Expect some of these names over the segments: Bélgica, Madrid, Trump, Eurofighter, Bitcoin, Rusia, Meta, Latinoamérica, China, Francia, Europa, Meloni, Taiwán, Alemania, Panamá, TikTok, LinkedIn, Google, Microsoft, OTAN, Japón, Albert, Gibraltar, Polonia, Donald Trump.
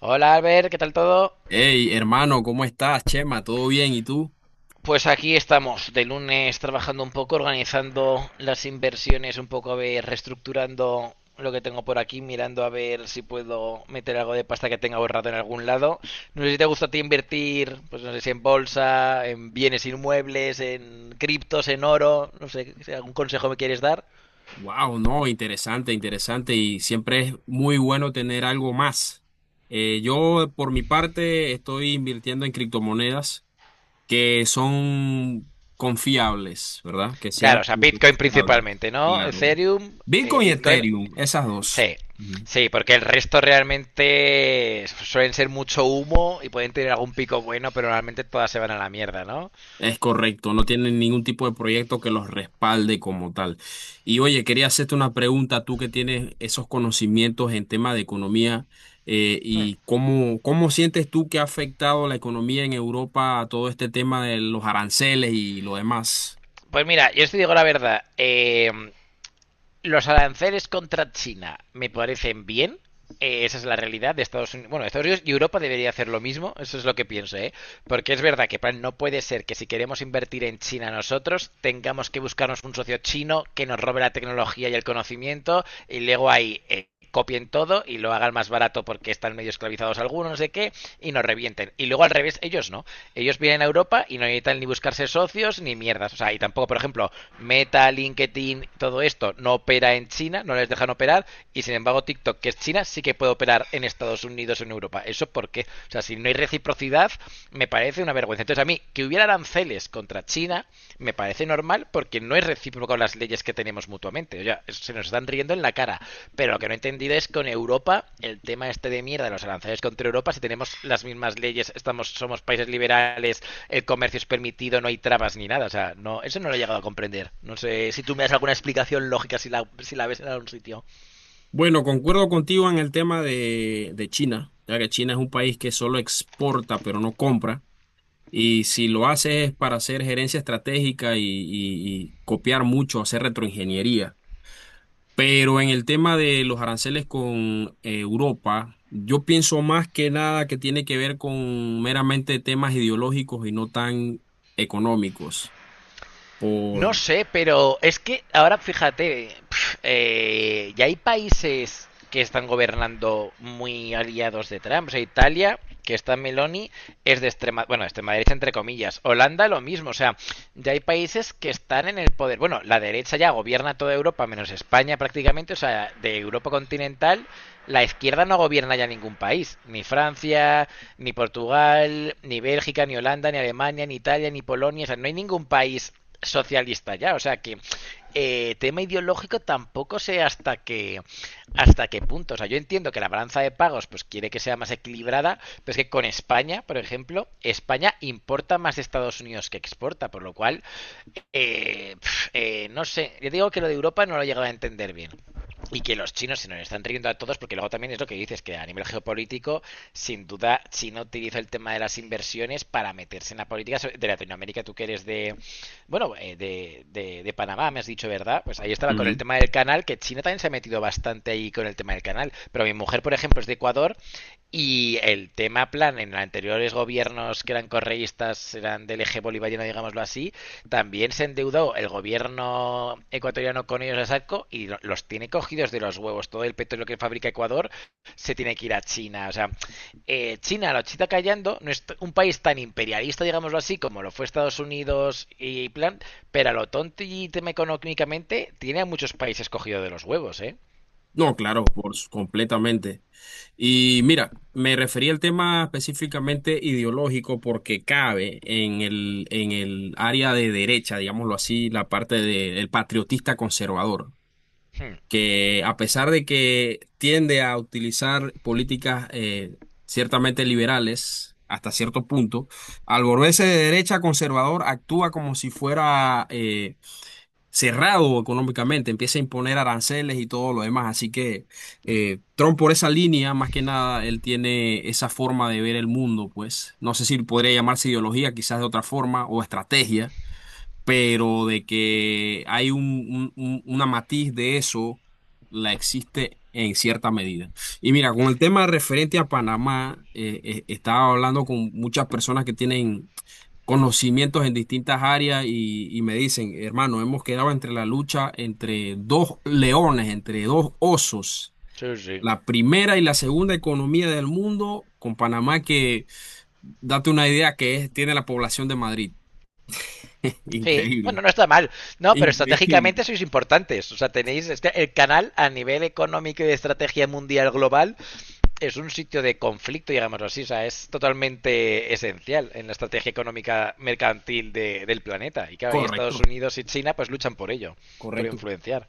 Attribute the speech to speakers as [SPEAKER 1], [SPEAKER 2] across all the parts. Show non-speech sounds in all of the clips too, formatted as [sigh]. [SPEAKER 1] Hola Albert, ¿qué tal todo?
[SPEAKER 2] Hey, hermano, ¿cómo estás, Chema? ¿Todo bien? ¿Y tú?
[SPEAKER 1] Pues aquí estamos, de lunes trabajando un poco, organizando las inversiones, un poco a ver, reestructurando lo que tengo por aquí, mirando a ver si puedo meter algo de pasta que tenga ahorrado en algún lado. No sé si te gusta a ti invertir, pues no sé si en bolsa, en bienes inmuebles, en criptos, en oro, no sé, si algún consejo me quieres dar.
[SPEAKER 2] Wow, no, interesante, interesante y siempre es muy bueno tener algo más. Yo, por mi parte, estoy invirtiendo en criptomonedas que son confiables, ¿verdad? Que
[SPEAKER 1] Claro, o
[SPEAKER 2] sean
[SPEAKER 1] sea, Bitcoin
[SPEAKER 2] confiables,
[SPEAKER 1] principalmente, ¿no?
[SPEAKER 2] claro.
[SPEAKER 1] Ethereum,
[SPEAKER 2] Bitcoin y
[SPEAKER 1] Bitcoin.
[SPEAKER 2] Ethereum, esas dos.
[SPEAKER 1] Sí,
[SPEAKER 2] Ujú.
[SPEAKER 1] sí, porque el resto realmente suelen ser mucho humo y pueden tener algún pico bueno, pero realmente todas se van a la mierda, ¿no?
[SPEAKER 2] Es correcto, no tienen ningún tipo de proyecto que los respalde como tal. Y oye, quería hacerte una pregunta, tú que tienes esos conocimientos en tema de economía,
[SPEAKER 1] Hmm.
[SPEAKER 2] y cómo, cómo sientes tú que ha afectado la economía en Europa a todo este tema de los aranceles y lo demás.
[SPEAKER 1] Pues mira, yo os digo la verdad, los aranceles contra China me parecen bien. Esa es la realidad de Estados Unidos. Bueno, Estados Unidos y Europa debería hacer lo mismo. Eso es lo que pienso, ¿eh? Porque es verdad que no puede ser que si queremos invertir en China nosotros, tengamos que buscarnos un socio chino que nos robe la tecnología y el conocimiento y luego ahí copien todo y lo hagan más barato porque están medio esclavizados algunos, no sé qué, y nos revienten. Y luego al revés, ellos no ellos vienen a Europa y no necesitan ni buscarse socios ni mierdas. O sea, y tampoco, por ejemplo, Meta, LinkedIn, todo esto no opera en China, no les dejan operar, y sin embargo TikTok, que es China, sí que puede operar en Estados Unidos o en Europa. ¿Eso por qué? O sea, si no hay reciprocidad, me parece una vergüenza. Entonces, a mí, que hubiera aranceles contra China, me parece normal, porque no es recíproco las leyes que tenemos mutuamente. O sea, se nos están riendo en la cara. Pero lo que no he entendido es con Europa, el tema este de mierda de los aranceles contra Europa, si tenemos las mismas leyes, estamos, somos países liberales, el comercio es permitido, no hay trabas ni nada. O sea, no, eso no lo he llegado a comprender. No sé si tú me das alguna explicación lógica si la, si la ves en algún sitio.
[SPEAKER 2] Bueno, concuerdo contigo en el tema de China, ya que China es un país que solo exporta, pero no compra. Y si lo hace es para hacer gerencia estratégica y copiar mucho, hacer retroingeniería. Pero en el tema de los aranceles con Europa, yo pienso más que nada que tiene que ver con meramente temas ideológicos y no tan económicos.
[SPEAKER 1] No
[SPEAKER 2] Por
[SPEAKER 1] sé, pero es que ahora fíjate, ya hay países que están gobernando muy aliados de Trump. O sea, Italia, que está Meloni, es de extrema, bueno, extrema derecha entre comillas. Holanda lo mismo, o sea, ya hay países que están en el poder. Bueno, la derecha ya gobierna toda Europa, menos España prácticamente, o sea, de Europa continental, la izquierda no gobierna ya ningún país, ni Francia, ni Portugal, ni Bélgica, ni Holanda, ni Alemania, ni Italia, ni Polonia, o sea, no hay ningún país socialista ya. O sea que tema ideológico tampoco sé hasta qué punto. O sea, yo entiendo que la balanza de pagos pues quiere que sea más equilibrada, pero es que con España, por ejemplo, España importa más de Estados Unidos que exporta, por lo cual eh, no sé, yo digo que lo de Europa no lo he llegado a entender bien. Y que los chinos se nos están riendo a todos porque luego también es lo que dices, que a nivel geopolítico, sin duda, China utiliza el tema de las inversiones para meterse en la política de Latinoamérica. Tú que eres de, bueno, de Panamá, me has dicho, ¿verdad? Pues ahí estaba con el
[SPEAKER 2] Ujú.
[SPEAKER 1] tema del canal, que China también se ha metido bastante ahí con el tema del canal. Pero mi mujer, por ejemplo, es de Ecuador y el tema plan en los anteriores gobiernos que eran correístas, eran del eje bolivariano, digámoslo así, también se endeudó el gobierno ecuatoriano con ellos a saco y los tiene cogidos de los huevos. Todo el petróleo que fabrica Ecuador se tiene que ir a China. O sea, China lo chita callando, no es un país tan imperialista, digámoslo así, como lo fue Estados Unidos y plan, pero a lo tonto y tema económicamente tiene a muchos países cogidos de los huevos, ¿eh?
[SPEAKER 2] No, claro, por su- completamente. Y mira, me refería al tema específicamente ideológico porque cabe en el área de derecha, digámoslo así, la parte del patriotista conservador,
[SPEAKER 1] Hmm.
[SPEAKER 2] que a pesar de que tiende a utilizar políticas ciertamente liberales hasta cierto punto, al volverse de derecha conservador actúa como si fuera cerrado económicamente, empieza a imponer aranceles y todo lo demás. Así que Trump por esa línea, más que nada, él tiene esa forma de ver el mundo, pues no sé si podría llamarse ideología, quizás de otra forma, o estrategia, pero de que hay una matiz de eso, la existe en cierta medida. Y mira, con el tema referente a Panamá, estaba hablando con muchas personas que tienen conocimientos en distintas áreas y me dicen, hermano, hemos quedado entre la lucha entre dos leones, entre dos osos.
[SPEAKER 1] Sí, sí.
[SPEAKER 2] La primera y la segunda economía del mundo, con Panamá que, date una idea que es- tiene la población de Madrid. [laughs]
[SPEAKER 1] Sí, bueno,
[SPEAKER 2] Increíble.
[SPEAKER 1] no está mal. No, pero
[SPEAKER 2] Increíble.
[SPEAKER 1] estratégicamente sois importantes. O sea, tenéis el canal a nivel económico y de estrategia mundial global es un sitio de conflicto, digámoslo así, o sea, es totalmente esencial en la estrategia económica mercantil del planeta. Y claro, y Estados
[SPEAKER 2] Correcto.
[SPEAKER 1] Unidos y China pues luchan por ello, por
[SPEAKER 2] Correcto.
[SPEAKER 1] influenciar.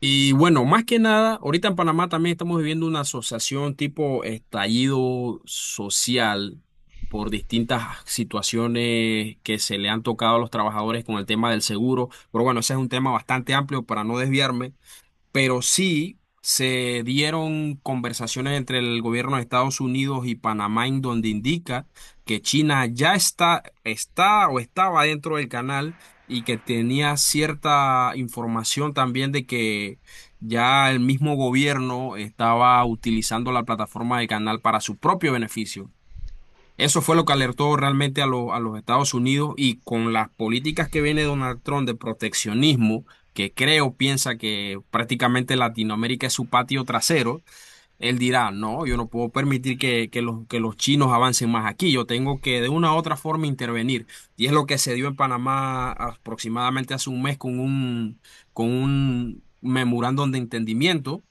[SPEAKER 2] Y bueno, más que nada, ahorita en Panamá también estamos viviendo una asociación tipo estallido social por distintas situaciones que se le han tocado a los trabajadores con el tema del seguro. Pero bueno, ese es un tema bastante amplio para no desviarme, pero sí se dieron conversaciones entre el gobierno de Estados Unidos y Panamá en donde indica que China ya está, está o estaba dentro del canal y que tenía cierta información también de que ya el mismo gobierno estaba utilizando la plataforma del canal para su propio beneficio. Eso fue lo que alertó realmente a, lo- a los Estados Unidos, y con las políticas que viene Donald Trump de proteccionismo, que creo piensa que prácticamente Latinoamérica es su patio trasero, él dirá, no, yo no puedo permitir que los chinos avancen más aquí, yo tengo que de una u otra forma intervenir. Y es lo que se dio en Panamá aproximadamente hace un mes con con un memorándum de entendimiento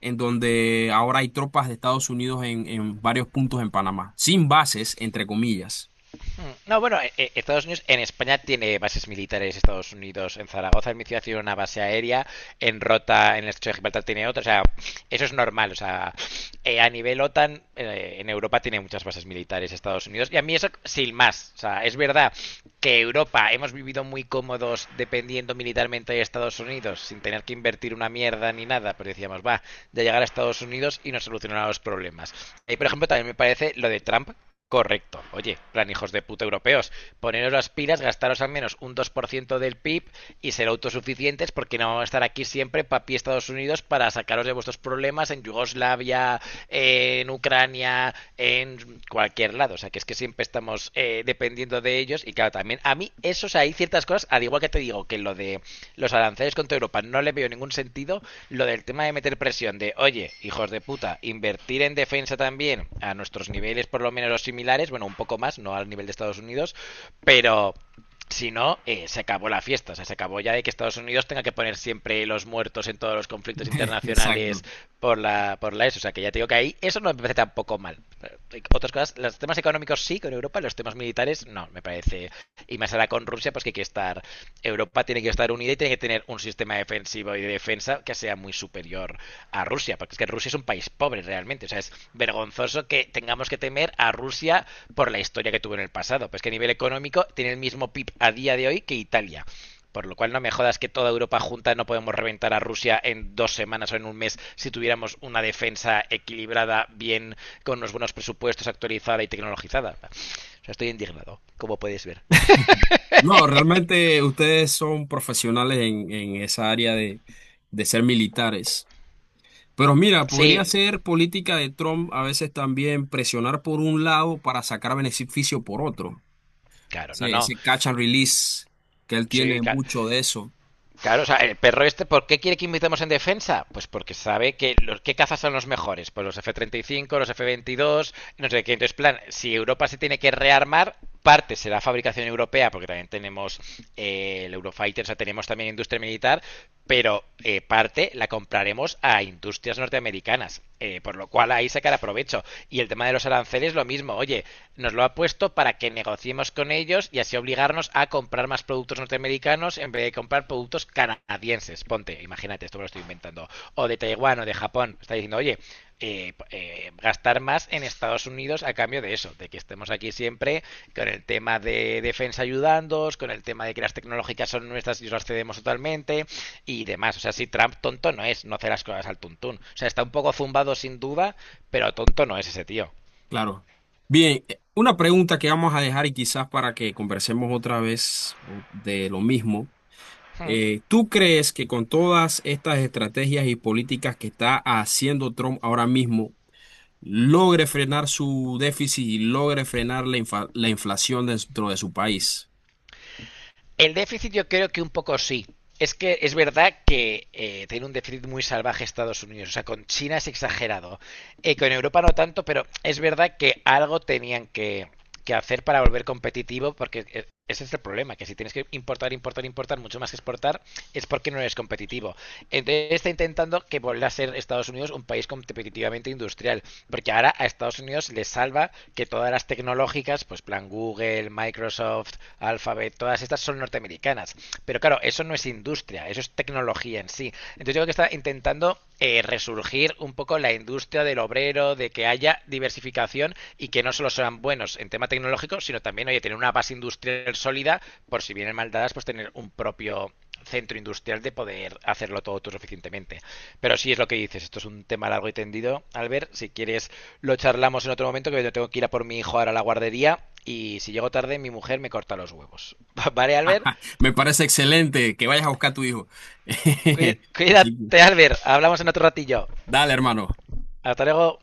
[SPEAKER 2] en donde ahora hay tropas de Estados Unidos en varios puntos en Panamá, sin bases, entre comillas.
[SPEAKER 1] No, bueno, Estados Unidos en España tiene bases militares, Estados Unidos en Zaragoza, en mi ciudad tiene una base aérea, en Rota, en el estrecho de Gibraltar tiene otra, o sea, eso es normal, o sea, a nivel OTAN, en Europa tiene muchas bases militares Estados Unidos, y a mí eso sin más, o sea, es verdad que Europa hemos vivido muy cómodos dependiendo militarmente de Estados Unidos, sin tener que invertir una mierda ni nada, pero decíamos, va, de llegar a Estados Unidos y nos solucionará los problemas. Y por ejemplo, también me parece lo de Trump. Correcto. Oye, plan hijos de puta europeos, poneros las pilas, gastaros al menos un 2% del PIB y ser autosuficientes porque no vamos a estar aquí siempre papi Estados Unidos para sacaros de vuestros problemas en Yugoslavia, en Ucrania, en cualquier lado. O sea, que es que siempre estamos dependiendo de ellos. Y claro, también a mí, eso, o sea, hay ciertas cosas, al igual que te digo que lo de los aranceles contra Europa no le veo ningún sentido, lo del tema de meter presión de, oye, hijos de puta, invertir en defensa también a nuestros niveles por lo menos los similares, bueno, un poco más, no al nivel de Estados Unidos, pero si no, se acabó la fiesta. O sea, se acabó ya de que Estados Unidos tenga que poner siempre los muertos en todos los conflictos
[SPEAKER 2] [laughs]
[SPEAKER 1] internacionales
[SPEAKER 2] Exacto.
[SPEAKER 1] por la ESO. O sea, que ya te digo que ahí eso no me parece tampoco mal. Otras cosas, los temas económicos sí con Europa, los temas militares no, me parece. Y más ahora con Rusia, pues que hay que estar Europa tiene que estar unida y tiene que tener un sistema defensivo y de defensa que sea muy superior a Rusia, porque es que Rusia es un país pobre realmente, o sea, es vergonzoso que tengamos que temer a Rusia por la historia que tuvo en el pasado, pues que a nivel económico tiene el mismo PIB a día de hoy que Italia. Por lo cual no me jodas que toda Europa junta no podemos reventar a Rusia en 2 semanas o en un mes si tuviéramos una defensa equilibrada, bien, con unos buenos presupuestos, actualizada y tecnologizada. O sea, estoy indignado, como podéis ver.
[SPEAKER 2] No, realmente ustedes son profesionales en esa área de ser militares. Pero mira, podría
[SPEAKER 1] Sí.
[SPEAKER 2] ser política de Trump a veces también presionar por un lado para sacar beneficio por otro.
[SPEAKER 1] Claro, no,
[SPEAKER 2] Ese,
[SPEAKER 1] no.
[SPEAKER 2] ese catch and release que él
[SPEAKER 1] Sí,
[SPEAKER 2] tiene
[SPEAKER 1] claro.
[SPEAKER 2] mucho de eso.
[SPEAKER 1] claro, o sea, el perro este, ¿por qué quiere que invitemos en defensa? Pues porque sabe que los que cazas son los mejores, pues los F-35, los F-22, no sé qué. Entonces, plan, si Europa se tiene que rearmar, parte será fabricación europea, porque también tenemos el Eurofighter, o sea, tenemos también industria militar, pero parte la compraremos a industrias norteamericanas, por lo cual ahí sacará provecho. Y el tema de los aranceles, lo mismo, oye, nos lo ha puesto para que negociemos con ellos y así obligarnos a comprar más productos norteamericanos en vez de comprar productos canadienses. Ponte, imagínate, esto me lo estoy inventando. O de Taiwán o de Japón. Está diciendo, oye, gastar más en Estados Unidos a cambio de eso, de que estemos aquí siempre con el tema de defensa ayudándoos, con el tema de que las tecnológicas son nuestras y os las cedemos totalmente y demás. O sea, si Trump tonto no es, no hace las cosas al tuntún. O sea, está un poco zumbado sin duda, pero tonto no es ese tío.
[SPEAKER 2] Claro. Bien, una pregunta que vamos a dejar y quizás para que conversemos otra vez o- de lo mismo.
[SPEAKER 1] Hmm.
[SPEAKER 2] ¿Tú crees que con todas estas estrategias y políticas que está haciendo Trump ahora mismo, logre frenar su déficit y logre frenar la, la inflación dentro de su país?
[SPEAKER 1] El déficit yo creo que un poco sí. Es que es verdad que tiene un déficit muy salvaje Estados Unidos. O sea, con China es exagerado. Con Europa no tanto, pero es verdad que algo tenían que hacer para volver competitivo, porque ese es el problema, que si tienes que importar, importar, importar mucho más que exportar, es porque no eres competitivo. Entonces está intentando que vuelva a ser Estados Unidos un país competitivamente industrial, porque ahora a Estados Unidos le salva que todas las tecnológicas, pues plan Google, Microsoft, Alphabet, todas estas son norteamericanas. Pero claro, eso no es industria, eso es tecnología en sí. Entonces yo creo está intentando resurgir un poco la industria del obrero, de que haya diversificación y que no solo sean buenos en tema tecnológico, sino también, oye, tener una base industrial sólida, por si vienen maldadas, pues tener un propio centro industrial de poder hacerlo todo tú suficientemente. Pero sí es lo que dices, esto es un tema largo y tendido. Albert, si quieres lo charlamos en otro momento, que yo tengo que ir a por mi hijo ahora a la guardería y si llego tarde mi mujer me corta los huevos. [laughs] ¿Vale, Albert?
[SPEAKER 2] Me parece excelente que vayas a buscar a tu hijo. [laughs] Así
[SPEAKER 1] Cuídate,
[SPEAKER 2] que,
[SPEAKER 1] Albert. Hablamos en otro ratillo.
[SPEAKER 2] dale, hermano.
[SPEAKER 1] Hasta luego.